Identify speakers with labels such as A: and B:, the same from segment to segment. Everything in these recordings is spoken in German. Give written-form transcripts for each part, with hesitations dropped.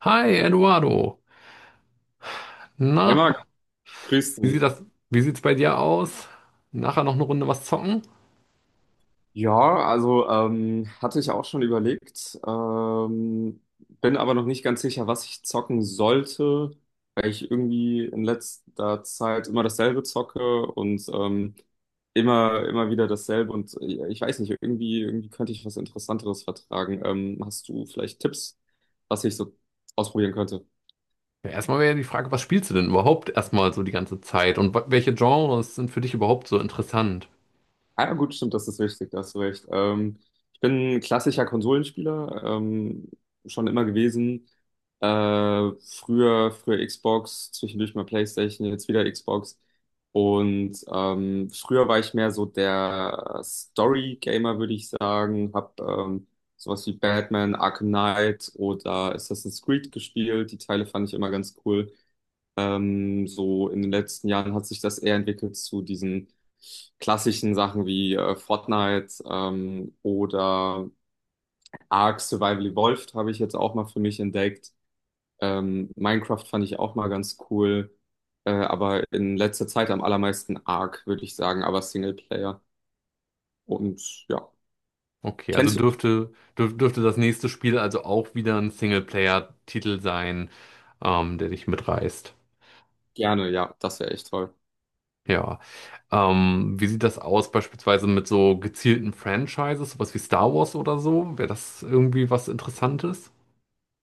A: Hi, Eduardo. Na,
B: Hey Marc, grüß
A: wie sieht
B: dich.
A: das, wie sieht's bei dir aus? Nachher noch eine Runde was zocken?
B: Ja, also hatte ich auch schon überlegt, bin aber noch nicht ganz sicher, was ich zocken sollte, weil ich irgendwie in letzter Zeit immer dasselbe zocke und immer wieder dasselbe und ich weiß nicht, irgendwie könnte ich was Interessanteres vertragen. Hast du vielleicht Tipps, was ich so ausprobieren könnte?
A: Ja, erstmal wäre ja die Frage, was spielst du denn überhaupt erstmal so die ganze Zeit? Und welche Genres sind für dich überhaupt so interessant?
B: Ah, ja, gut, stimmt, das ist wichtig, da hast du recht. Ich bin ein klassischer Konsolenspieler, schon immer gewesen. Früher Xbox, zwischendurch mal PlayStation, jetzt wieder Xbox. Und früher war ich mehr so der Story-Gamer, würde ich sagen. Hab sowas wie Batman, Arkham Knight oder Assassin's Creed gespielt. Die Teile fand ich immer ganz cool. So in den letzten Jahren hat sich das eher entwickelt zu diesen klassischen Sachen wie Fortnite oder Ark Survival Evolved habe ich jetzt auch mal für mich entdeckt. Minecraft fand ich auch mal ganz cool, aber in letzter Zeit am allermeisten Ark, würde ich sagen, aber Singleplayer. Und ja,
A: Okay, also
B: kennst du mich
A: dürfte das nächste Spiel also auch wieder ein Singleplayer-Titel sein, der dich mitreißt.
B: gerne? Ja, das wäre echt toll.
A: Ja. Wie sieht das aus beispielsweise mit so gezielten Franchises, sowas wie Star Wars oder so? Wäre das irgendwie was Interessantes?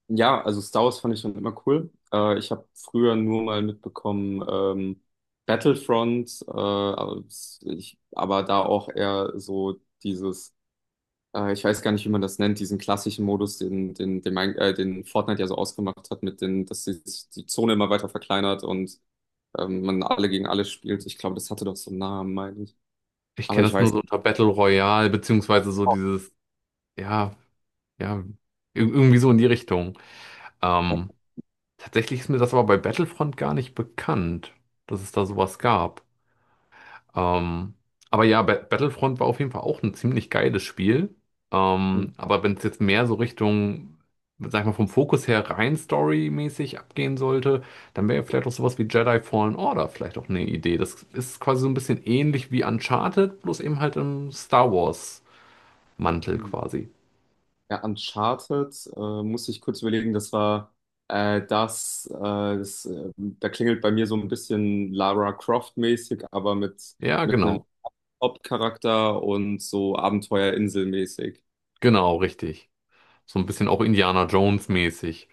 B: Ja, also Star Wars fand ich schon immer cool. Ich habe früher nur mal mitbekommen, Battlefront, aber da auch eher so dieses, ich weiß gar nicht, wie man das nennt, diesen klassischen Modus, den Fortnite ja so ausgemacht hat, mit dass die Zone immer weiter verkleinert und man alle gegen alle spielt. Ich glaube, das hatte doch so einen Namen, meine ich.
A: Ich
B: Aber
A: kenne
B: ich
A: das
B: weiß.
A: nur so unter Battle Royale, beziehungsweise so dieses, ja, ja, irgendwie so in die Richtung.
B: Ja.
A: Ähm, Tatsächlich ist mir das aber bei Battlefront gar nicht bekannt, dass es da sowas gab. Ähm, aber ja, Battlefront war auf jeden Fall auch ein ziemlich geiles Spiel. Aber wenn es jetzt mehr so Richtung, sag ich mal, vom Fokus her rein storymäßig abgehen sollte, dann wäre ja vielleicht auch sowas wie Jedi Fallen Order vielleicht auch eine Idee. Das ist quasi so ein bisschen ähnlich wie Uncharted, bloß eben halt im Star Wars Mantel
B: Hm.
A: quasi.
B: Ja, Uncharted, muss ich kurz überlegen, das war das, das da klingelt bei mir so ein bisschen Lara Croft-mäßig, aber
A: Ja,
B: mit einem
A: genau.
B: Hauptcharakter und so Abenteuerinsel-mäßig.
A: Genau, richtig. So ein bisschen auch Indiana Jones mäßig.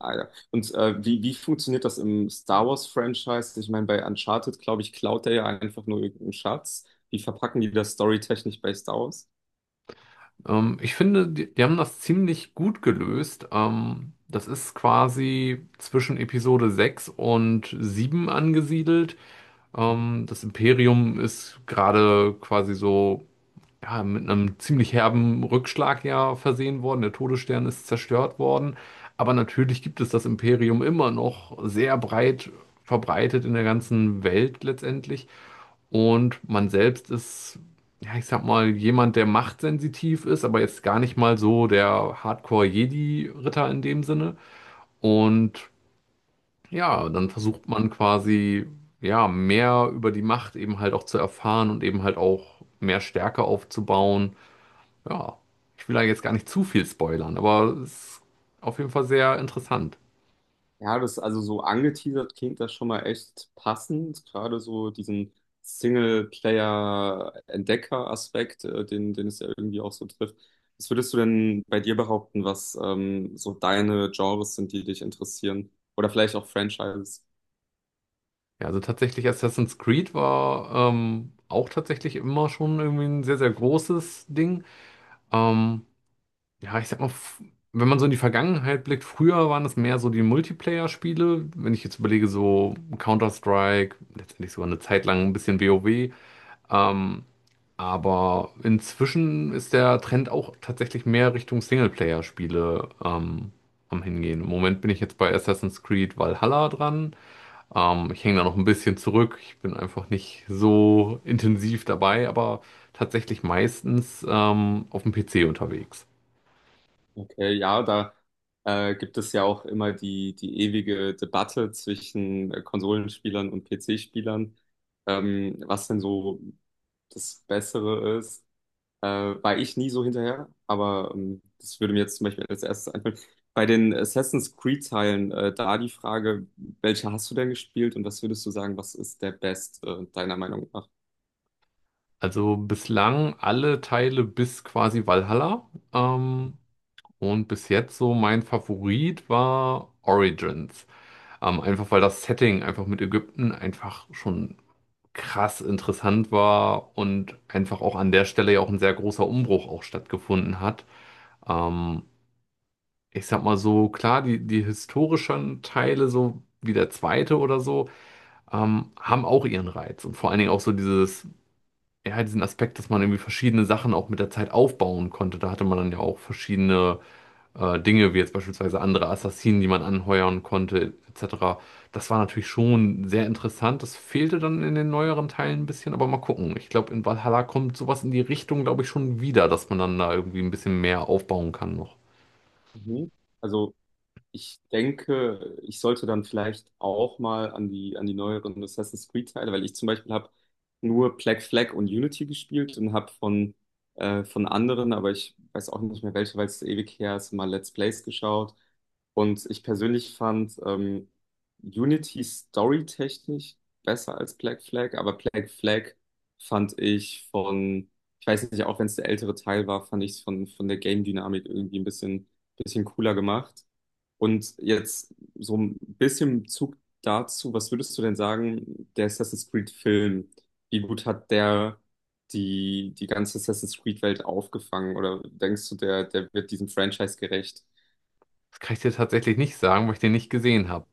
B: Ah, ja. Und wie funktioniert das im Star Wars-Franchise? Ich meine, bei Uncharted, glaube ich, klaut er ja einfach nur irgendeinen Schatz. Wie verpacken die das storytechnisch bei Star Wars?
A: Ich finde, die haben das ziemlich gut gelöst. Das ist quasi zwischen Episode 6 und 7 angesiedelt. Das Imperium ist gerade quasi so ja, mit einem ziemlich herben Rückschlag ja versehen worden. Der Todesstern ist zerstört worden. Aber natürlich gibt es das Imperium immer noch sehr breit verbreitet in der ganzen Welt letztendlich. Und man selbst ist, ja, ich sag mal, jemand, der machtsensitiv ist, aber jetzt gar nicht mal so der Hardcore-Jedi-Ritter in dem Sinne. Und ja, dann versucht man quasi, ja, mehr über die Macht eben halt auch zu erfahren und eben halt auch mehr Stärke aufzubauen, ja, ich will da jetzt gar nicht zu viel spoilern, aber es ist auf jeden Fall sehr interessant.
B: Ja, das also so angeteasert klingt das schon mal echt passend, gerade so diesen Singleplayer-Entdecker-Aspekt, den es ja irgendwie auch so trifft. Was würdest du denn bei dir behaupten, was so deine Genres sind, die dich interessieren? Oder vielleicht auch Franchises?
A: Ja, also tatsächlich Assassin's Creed war auch tatsächlich immer schon irgendwie ein sehr, sehr großes Ding. Ähm, ja, ich sag mal, wenn man so in die Vergangenheit blickt, früher waren es mehr so die Multiplayer-Spiele. Wenn ich jetzt überlege, so Counter-Strike, letztendlich sogar eine Zeit lang ein bisschen WoW. Ähm, Aber inzwischen ist der Trend auch tatsächlich mehr Richtung Singleplayer-Spiele am Hingehen. Im Moment bin ich jetzt bei Assassin's Creed Valhalla dran. Ich hänge da noch ein bisschen zurück. Ich bin einfach nicht so intensiv dabei, aber tatsächlich meistens auf dem PC unterwegs.
B: Okay, ja, da gibt es ja auch immer die ewige Debatte zwischen Konsolenspielern und PC-Spielern, was denn so das Bessere ist. War ich nie so hinterher, aber das würde mir jetzt zum Beispiel als erstes einfallen. Bei den Assassin's Creed-Teilen, da die Frage, welche hast du denn gespielt und was würdest du sagen, was ist der deiner Meinung nach?
A: Also bislang alle Teile bis quasi Valhalla. Und bis jetzt so mein Favorit war Origins. Einfach weil das Setting einfach mit Ägypten einfach schon krass interessant war und einfach auch an der Stelle ja auch ein sehr großer Umbruch auch stattgefunden hat. Ähm, Ich sag mal so, klar, die historischen Teile, so wie der zweite oder so, haben auch ihren Reiz. Und vor allen Dingen auch so dieses, ja, diesen Aspekt, dass man irgendwie verschiedene Sachen auch mit der Zeit aufbauen konnte. Da hatte man dann ja auch verschiedene Dinge, wie jetzt beispielsweise andere Assassinen, die man anheuern konnte, etc. Das war natürlich schon sehr interessant. Das fehlte dann in den neueren Teilen ein bisschen, aber mal gucken. Ich glaube, in Valhalla kommt sowas in die Richtung, glaube ich, schon wieder, dass man dann da irgendwie ein bisschen mehr aufbauen kann noch.
B: Mhm. Also ich denke, ich sollte dann vielleicht auch mal an die neueren Assassin's Creed-Teile, weil ich zum Beispiel habe nur Black Flag und Unity gespielt und habe von anderen, aber ich weiß auch nicht mehr welche, weil es ewig her ist, mal Let's Plays geschaut. Und ich persönlich fand Unity storytechnisch besser als Black Flag, aber Black Flag fand ich ich weiß nicht, auch wenn es der ältere Teil war, fand ich es von der Game-Dynamik irgendwie ein bisschen cooler gemacht. Und jetzt so ein bisschen Bezug dazu, was würdest du denn sagen, der Assassin's Creed-Film, wie gut hat der die ganze Assassin's Creed-Welt aufgefangen? Oder denkst du, der wird diesem Franchise gerecht?
A: Das kann ich dir tatsächlich nicht sagen, weil ich den nicht gesehen habe.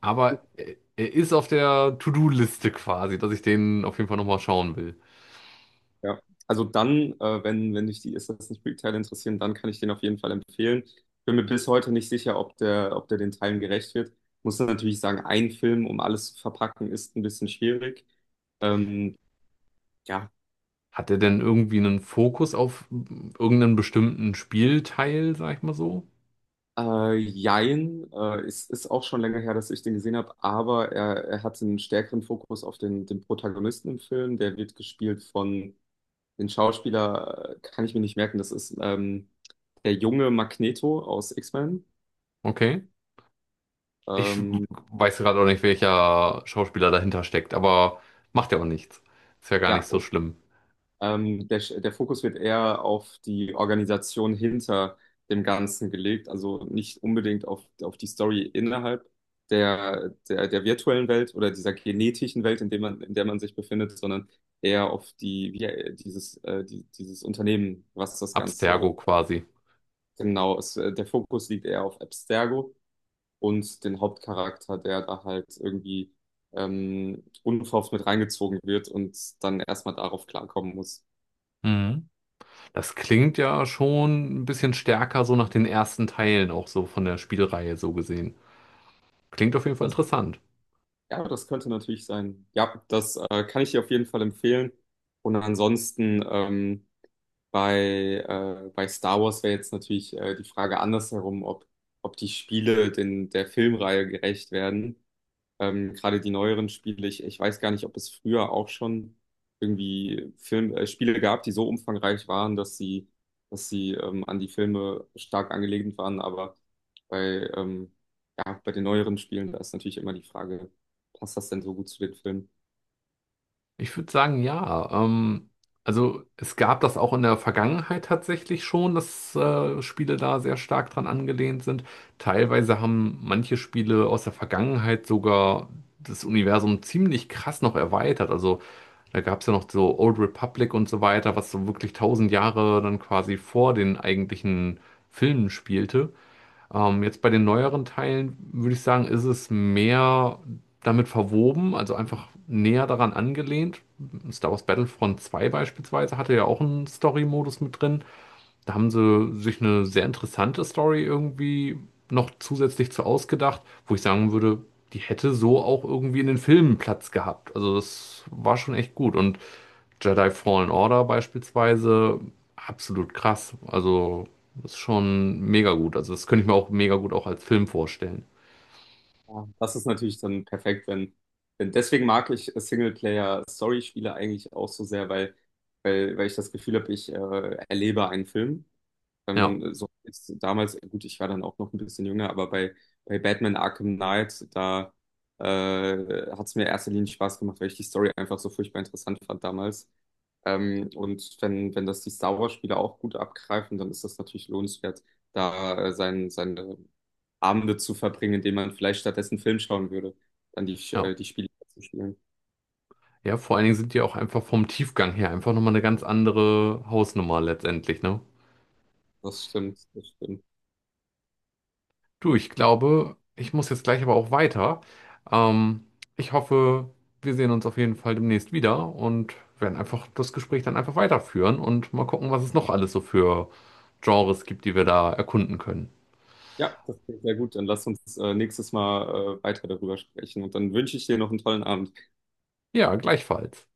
A: Aber er ist auf der To-Do-Liste quasi, dass ich den auf jeden Fall nochmal schauen will.
B: Ja. Also dann, wenn dich die Assassin's Creed-Teile interessieren, dann kann ich den auf jeden Fall empfehlen. Bin mir bis heute nicht sicher, ob der den Teilen gerecht wird. Muss dann natürlich sagen, ein Film, um alles zu verpacken, ist ein bisschen schwierig. Ähm, ja,
A: Hat er denn irgendwie einen Fokus auf irgendeinen bestimmten Spielteil, sag ich mal so?
B: Jein, es ist auch schon länger her, dass ich den gesehen habe, aber er hat einen stärkeren Fokus auf den Protagonisten im Film. Der wird gespielt von den Schauspieler, kann ich mir nicht merken, das ist der junge Magneto aus X-Men.
A: Okay. Ich
B: Ähm,
A: weiß gerade auch nicht, welcher Schauspieler dahinter steckt, aber macht ja auch nichts. Ist ja gar nicht
B: ja,
A: so schlimm.
B: der Fokus wird eher auf die Organisation hinter dem Ganzen gelegt, also nicht unbedingt auf die Story innerhalb der virtuellen Welt oder dieser genetischen Welt, in in der man sich befindet, sondern eher auf dieses Unternehmen, was das Ganze
A: Abstergo quasi.
B: genau ist. Der Fokus liegt eher auf Abstergo und den Hauptcharakter, der da halt irgendwie unverhofft mit reingezogen wird und dann erstmal darauf klarkommen muss.
A: Mhm. Das klingt ja schon ein bisschen stärker so nach den ersten Teilen, auch so von der Spielreihe so gesehen. Klingt auf jeden Fall
B: Das
A: interessant.
B: Ja, das könnte natürlich sein. Ja, das kann ich dir auf jeden Fall empfehlen. Und ansonsten bei Star Wars wäre jetzt natürlich die Frage andersherum, ob, ob die Spiele den, der Filmreihe gerecht werden. Gerade die neueren Spiele, ich weiß gar nicht, ob es früher auch schon irgendwie Spiele gab, die so umfangreich waren, dass sie an die Filme stark angelehnt waren. Aber bei, ähm, ja, bei den neueren Spielen, da ist natürlich immer die Frage, passt das denn so gut zu den Filmen?
A: Ich würde sagen, ja. Also es gab das auch in der Vergangenheit tatsächlich schon, dass Spiele da sehr stark dran angelehnt sind. Teilweise haben manche Spiele aus der Vergangenheit sogar das Universum ziemlich krass noch erweitert. Also da gab es ja noch so Old Republic und so weiter, was so wirklich tausend Jahre dann quasi vor den eigentlichen Filmen spielte. Jetzt bei den neueren Teilen würde ich sagen, ist es mehr damit verwoben, also einfach näher daran angelehnt. Star Wars Battlefront 2 beispielsweise hatte ja auch einen Story-Modus mit drin. Da haben sie sich eine sehr interessante Story irgendwie noch zusätzlich zu ausgedacht, wo ich sagen würde, die hätte so auch irgendwie in den Filmen Platz gehabt. Also das war schon echt gut. Und Jedi Fallen Order beispielsweise, absolut krass. Also das ist schon mega gut. Also das könnte ich mir auch mega gut auch als Film vorstellen.
B: Ja, das ist natürlich dann perfekt, wenn, denn deswegen mag ich Singleplayer-Story-Spiele eigentlich auch so sehr, weil ich das Gefühl habe, ich erlebe einen Film.
A: Ja,
B: So ist damals, gut, ich war dann auch noch ein bisschen jünger, aber bei Batman Arkham Knight, da äh, hat es mir in erster Linie Spaß gemacht, weil ich die Story einfach so furchtbar interessant fand damals. Und wenn das die Star Wars-Spiele auch gut abgreifen, dann ist das natürlich lohnenswert, da seine Abende zu verbringen, indem man vielleicht stattdessen einen Film schauen würde, dann
A: ja.
B: die Spiele zu spielen.
A: Ja, vor allen Dingen sind die auch einfach vom Tiefgang her einfach nochmal eine ganz andere Hausnummer letztendlich, ne?
B: Das stimmt, das stimmt.
A: Du, ich glaube, ich muss jetzt gleich aber auch weiter. Ähm, Ich hoffe, wir sehen uns auf jeden Fall demnächst wieder und werden einfach das Gespräch dann einfach weiterführen und mal gucken, was es noch alles so für Genres gibt, die wir da erkunden können.
B: Ja, das klingt sehr gut. Dann lass uns nächstes Mal weiter darüber sprechen und dann wünsche ich dir noch einen tollen Abend.
A: Ja, gleichfalls.